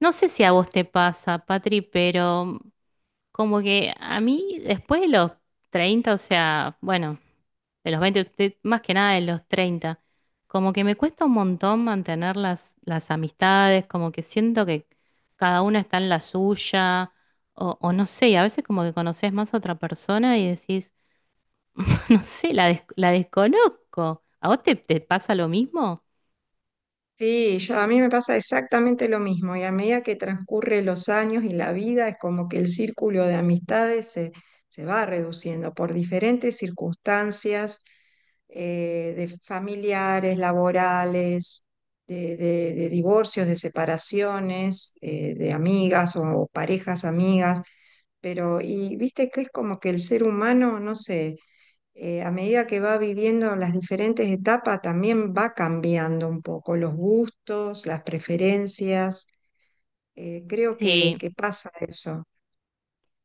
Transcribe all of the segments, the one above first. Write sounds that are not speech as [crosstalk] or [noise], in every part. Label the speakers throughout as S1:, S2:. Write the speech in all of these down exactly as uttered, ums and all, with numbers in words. S1: No sé si a vos te pasa, Patri, pero como que a mí después de los treinta, o sea, bueno, de los veinte, de- más que nada de los treinta, como que me cuesta un montón mantener las, las amistades, como que siento que cada una está en la suya, o, o no sé, y a veces como que conoces más a otra persona y decís, [laughs] no sé, la, des- la desconozco. ¿A vos te, te pasa lo mismo?
S2: Sí, yo, a mí me pasa exactamente lo mismo y a medida que transcurren los años y la vida es como que el círculo de amistades se, se va reduciendo por diferentes circunstancias eh, de familiares, laborales, de, de- de divorcios, de separaciones, eh, de amigas o parejas amigas, pero y viste que es como que el ser humano, no sé, eh, a medida que va viviendo las diferentes etapas, también va cambiando un poco los gustos, las preferencias. Eh, creo que,
S1: Sí.
S2: que pasa eso.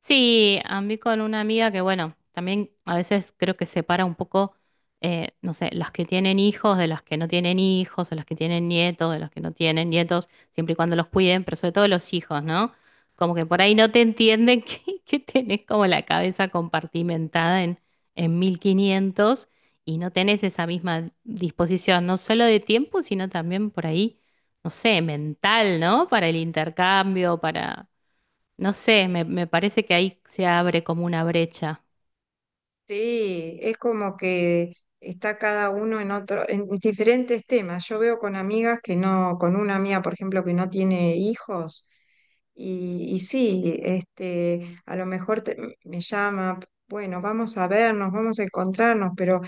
S1: Sí, a mí con una amiga que, bueno, también a veces creo que separa un poco, eh, no sé, las que tienen hijos de las que no tienen hijos, o las que tienen nietos de los que no tienen nietos, siempre y cuando los cuiden, pero sobre todo los hijos, ¿no? Como que por ahí no te entienden [laughs] que, que tenés como la cabeza compartimentada en, en mil quinientos y no tenés esa misma disposición, no solo de tiempo, sino también por ahí, no sé, mental, ¿no? Para el intercambio, para no sé, me, me parece que ahí se abre como una brecha.
S2: Sí, es como que está cada uno en otro, en diferentes temas. Yo veo con amigas que no, con una amiga, por ejemplo, que no tiene hijos, y, y sí, este, a lo mejor te- me llama, bueno, vamos a vernos, vamos a encontrarnos, pero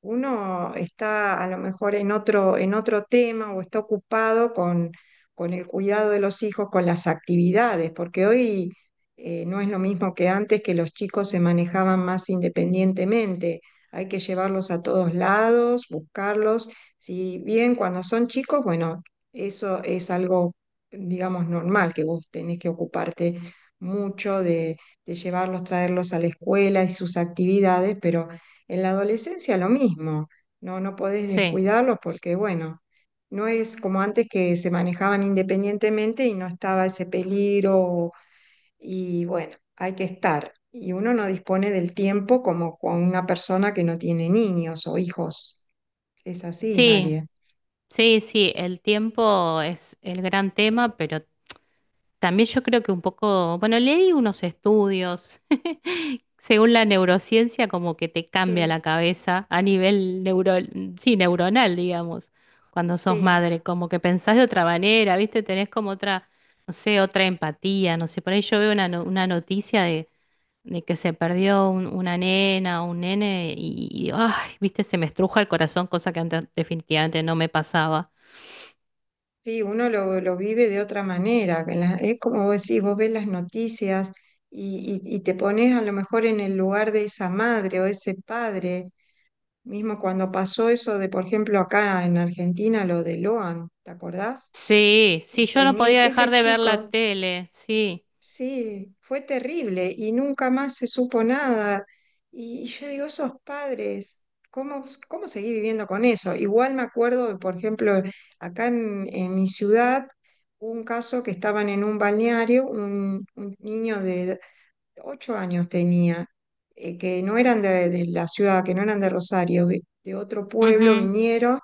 S2: uno está a lo mejor en otro, en otro tema o está ocupado con, con el cuidado de los hijos, con las actividades, porque hoy eh, no es lo mismo que antes que los chicos se manejaban más independientemente. Hay que llevarlos a todos lados, buscarlos. Si bien cuando son chicos, bueno, eso es algo, digamos, normal, que vos tenés que ocuparte mucho de, de llevarlos, traerlos a la escuela y sus actividades, pero en la adolescencia lo mismo, no, no podés
S1: Sí,
S2: descuidarlos porque, bueno, no es como antes que se manejaban independientemente y no estaba ese peligro y, bueno, hay que estar. Y uno no dispone del tiempo como con una persona que no tiene niños o hijos. Es así,
S1: sí,
S2: María.
S1: sí, sí, el tiempo es el gran tema, pero también yo creo que un poco, bueno, leí unos estudios, [laughs] según la neurociencia, como que te cambia
S2: Sí,
S1: la cabeza a nivel neuro, sí, neuronal, digamos, cuando sos
S2: sí,
S1: madre, como que pensás de otra manera, ¿viste? Tenés como otra, no sé, otra empatía, no sé, por ahí yo veo una, no- una noticia de de que se perdió un- una nena o un nene y, y, ay, viste, se me estruja el corazón, cosa que antes definitivamente no me pasaba.
S2: sí, uno lo, lo vive de otra manera. Que la- es como vos decís, vos ves las noticias y, y- y te pones a lo mejor en el lugar de esa madre o ese padre. Mismo cuando pasó eso de, por ejemplo, acá en Argentina, lo de Loan, ¿te acordás?
S1: Sí, sí, yo
S2: Ese,
S1: no
S2: ni-
S1: podía dejar
S2: ese
S1: de ver la
S2: chico,
S1: tele, sí.
S2: sí, fue terrible y nunca más se supo nada. Y yo digo, esos padres, ¿cómo, cómo seguí viviendo con eso? Igual me acuerdo, por ejemplo, acá en, en mi ciudad, hubo un caso que estaban en un balneario, un, un niño de ocho años tenía, eh, que no eran de, de la ciudad, que no eran de Rosario, vi- de otro pueblo
S1: Ujú.
S2: vinieron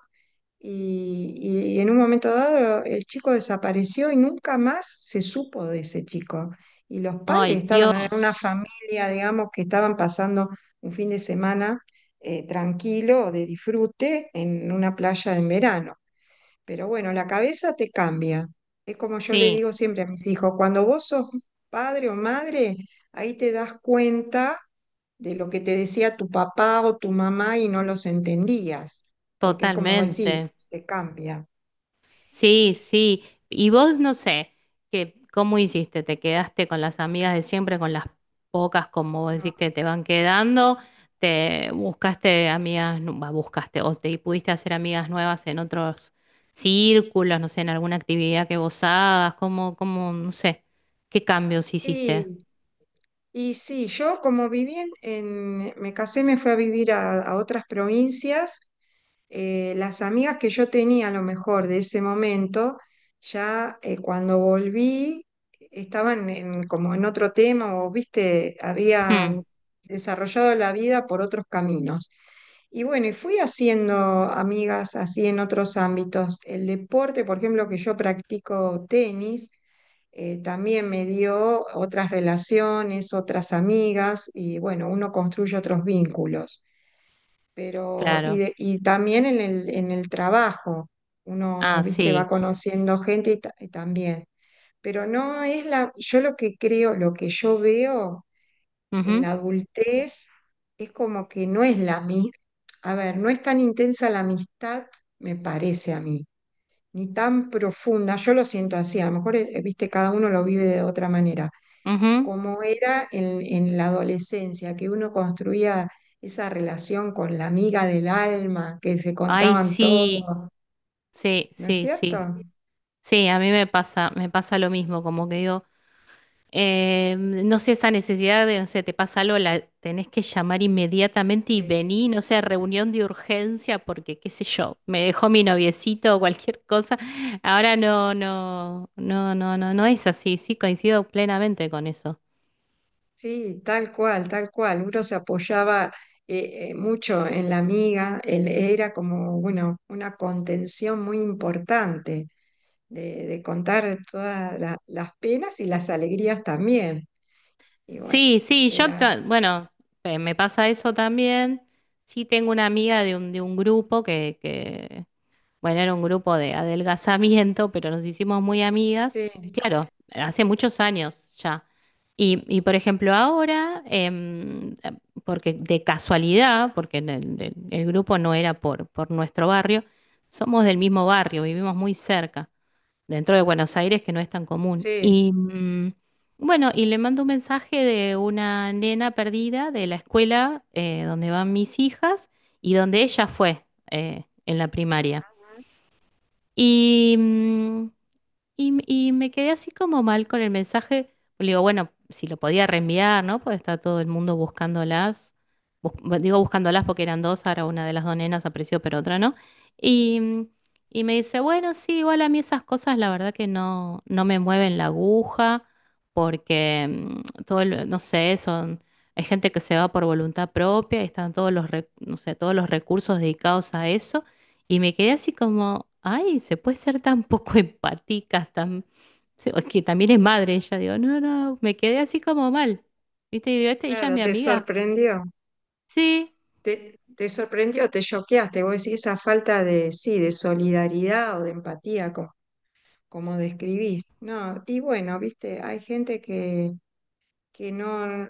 S2: y, y- y en un momento dado el chico desapareció y nunca más se supo de ese chico. Y los padres
S1: Ay,
S2: estaban en una
S1: Dios.
S2: familia, digamos, que estaban pasando un fin de semana, eh, tranquilo, de disfrute, en una playa en verano. Pero bueno, la cabeza te cambia. Es como yo le
S1: Sí,
S2: digo siempre a mis hijos, cuando vos sos padre o madre, ahí te das cuenta de lo que te decía tu papá o tu mamá y no los entendías, porque es como decir,
S1: totalmente.
S2: te cambia.
S1: Sí, sí. Y vos no sé, que, ¿cómo hiciste? ¿Te quedaste con las amigas de siempre, con las pocas, como vos decís,
S2: No.
S1: que te van quedando? ¿Te buscaste amigas, nu- bah, buscaste, o te pudiste hacer amigas nuevas en otros círculos, no sé, en alguna actividad que vos hagas? ¿Cómo, cómo, no sé, qué cambios hiciste?
S2: Sí, y sí, yo como viví en, en- me casé, me fui a vivir a, a otras provincias, eh, las amigas que yo tenía a lo mejor de ese momento, ya, eh, cuando volví estaban en- como en otro tema o, viste,
S1: Hmm,
S2: habían desarrollado la vida por otros caminos. Y bueno, y fui haciendo amigas así en otros ámbitos. El deporte, por ejemplo, que yo practico tenis, eh, también me dio otras relaciones, otras amigas y bueno, uno construye otros vínculos. Pero, y,
S1: claro.
S2: de- y también en el, en el trabajo,
S1: Ah,
S2: uno, viste, va
S1: sí.
S2: conociendo gente y, ta- y también. Pero no es la, yo lo que creo, lo que yo veo en la adultez es como que no es la misma, a ver, no es tan intensa la amistad, me parece a mí, ni tan profunda, yo lo siento así, a lo mejor, eh, viste, cada uno lo vive de otra manera
S1: Ujú, ujú.
S2: como era en, en la adolescencia, que uno construía esa relación con la amiga del alma, que se
S1: Ay,
S2: contaban
S1: sí.
S2: todo,
S1: Sí,
S2: ¿no es
S1: sí,
S2: cierto?
S1: sí. Sí, a mí me pasa, me pasa lo mismo, como que digo. Eh, no sé, esa necesidad de, no sé, te pasa algo, la tenés que llamar inmediatamente y
S2: Sí,
S1: vení no sé, reunión de urgencia, porque qué sé yo, me dejó mi noviecito o cualquier cosa. Ahora no, no, no, no, no, no es así, sí, coincido plenamente con eso.
S2: sí, tal cual, tal cual. Uno se apoyaba eh, eh, mucho en la amiga, él era como, bueno, una contención muy importante de, de contar todas la- las penas y las alegrías también. Y bueno,
S1: Sí, sí,
S2: de
S1: yo, ta-
S2: la,
S1: bueno, eh, me pasa eso también. Sí, tengo una amiga de un, de un grupo que, que bueno, era un grupo de adelgazamiento, pero nos hicimos muy amigas.
S2: sí,
S1: Claro, hace muchos años ya. Y, y, por ejemplo, ahora, em, eh, porque de casualidad, porque en el, el- el grupo no era por, por nuestro barrio, somos del mismo barrio, vivimos muy cerca, dentro de Buenos Aires, que no es tan común.
S2: sí,
S1: Y mm, bueno, y le mando un mensaje de una nena perdida de la escuela eh, donde van mis hijas y donde ella fue eh, en la primaria. Y, mm, y, y me quedé así como mal con el mensaje. Le digo, bueno, si lo podía reenviar, ¿no? Porque está todo el mundo buscándolas. Bus- bu- digo buscándolas porque eran dos, ahora una de las dos nenas apareció, pero otra no. Y, mm, y me dice, bueno, sí, igual a mí esas cosas la verdad que no, no me mueven la aguja, porque mm, todo, el- no sé, son, hay gente que se va por voluntad propia y están todos los, re- no sé, todos los recursos dedicados a eso. Y me quedé así como, ay, se puede ser tan [laughs] poco empática, tan... se- o que también es madre ella, digo, no, no, me quedé así como mal. ¿Viste? Y digo, este, ella es
S2: claro,
S1: mi
S2: te
S1: amiga.
S2: sorprendió.
S1: Sí,
S2: Te, te sorprendió, te choqueaste, vos decís esa falta de, sí, de solidaridad o de empatía, como, como describís. No, y bueno, viste, hay gente que, que no,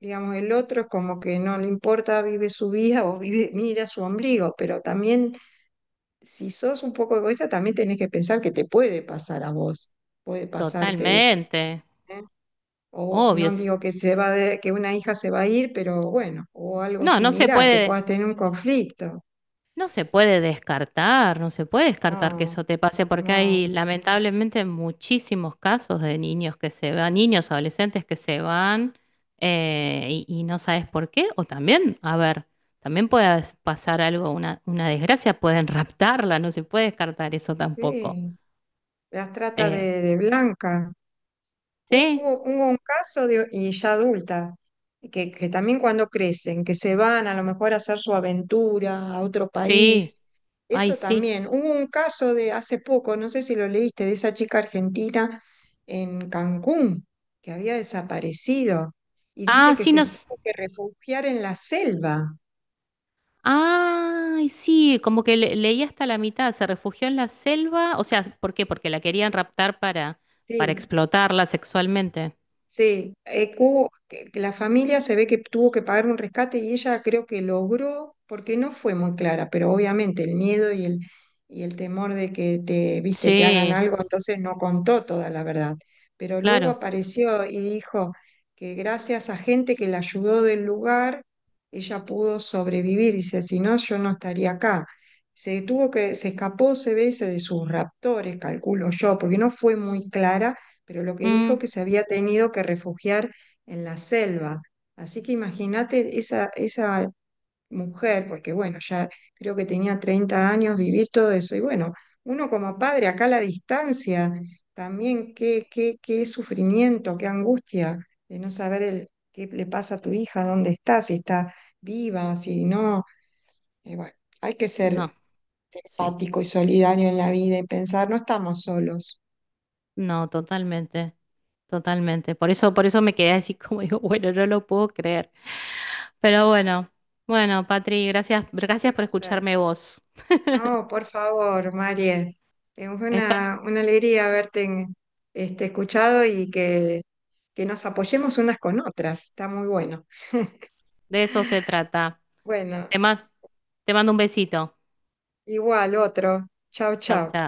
S2: digamos, el otro es como que no le importa, vive su vida o vive, mira su ombligo, pero también, si sos un poco egoísta, también tenés que pensar que te puede pasar a vos, puede pasarte,
S1: totalmente,
S2: ¿eh? O
S1: obvio.
S2: no
S1: Sí.
S2: digo que se va de- que una hija se va a ir, pero bueno, o algo
S1: No, no se
S2: similar, que
S1: puede,
S2: puedas tener un conflicto.
S1: no se puede descartar, no se puede descartar que eso
S2: No,
S1: te pase, porque
S2: no,
S1: hay lamentablemente muchísimos casos de niños que se van, niños, adolescentes que se van eh, y, y no sabes por qué, o también, a ver, también puede pasar algo, una, una desgracia, pueden raptarla, no se puede descartar eso tampoco.
S2: sí, las trata
S1: Eh,
S2: de, de blanca. Hubo,
S1: sí,
S2: hubo un caso de, y ya adulta, que, que también cuando crecen, que se van a lo mejor a hacer su aventura a otro
S1: sí,
S2: país,
S1: ay,
S2: eso
S1: sí.
S2: también. Hubo un caso de hace poco, no sé si lo leíste, de esa chica argentina en Cancún, que había desaparecido y dice
S1: Ah,
S2: que
S1: sí,
S2: se
S1: nos.
S2: tuvo que refugiar en la selva.
S1: Ay, sí, como que le- leí hasta la mitad, se refugió en la selva, o sea, ¿por qué? Porque la querían raptar para, para
S2: Sí,
S1: explotarla sexualmente.
S2: sí, eh, hubo- que- que la familia se ve que tuvo que pagar un rescate y ella creo que logró, porque no fue muy clara, pero obviamente el miedo y el, y el temor de que te, viste, te hagan
S1: Sí,
S2: algo, entonces no contó toda la verdad. Pero luego
S1: claro.
S2: apareció y dijo que gracias a gente que la ayudó del lugar, ella pudo sobrevivir. Dice, si no, yo no estaría acá. Se tuvo que, se escapó, se ve, dice, de sus raptores, calculo yo, porque no fue muy clara, pero lo que
S1: Mm,
S2: dijo que se había tenido que refugiar en la selva. Así que imagínate esa, esa mujer, porque bueno, ya creo que tenía treinta años, vivir todo eso. Y bueno, uno como padre, acá a la distancia, también qué, qué, qué sufrimiento, qué angustia de no saber el, qué le pasa a tu hija, dónde está, si está viva, si no. Y bueno, hay que ser
S1: no, sí,
S2: empático y solidario en la vida y pensar, no estamos solos.
S1: no, totalmente, totalmente. Por eso, por eso me quedé así como digo, bueno, no lo puedo creer. Pero bueno, bueno, Patri, gracias, gracias
S2: ¿Qué va
S1: por
S2: a ser?
S1: escucharme vos.
S2: No, por favor, María. Es
S1: Esta-
S2: una, una alegría haberte en- este, escuchado y que, que nos apoyemos unas con otras. Está muy bueno.
S1: de eso se trata.
S2: Bueno,
S1: Te ma- te mando un besito.
S2: igual otro. Chau,
S1: Chau,
S2: chau.
S1: chau.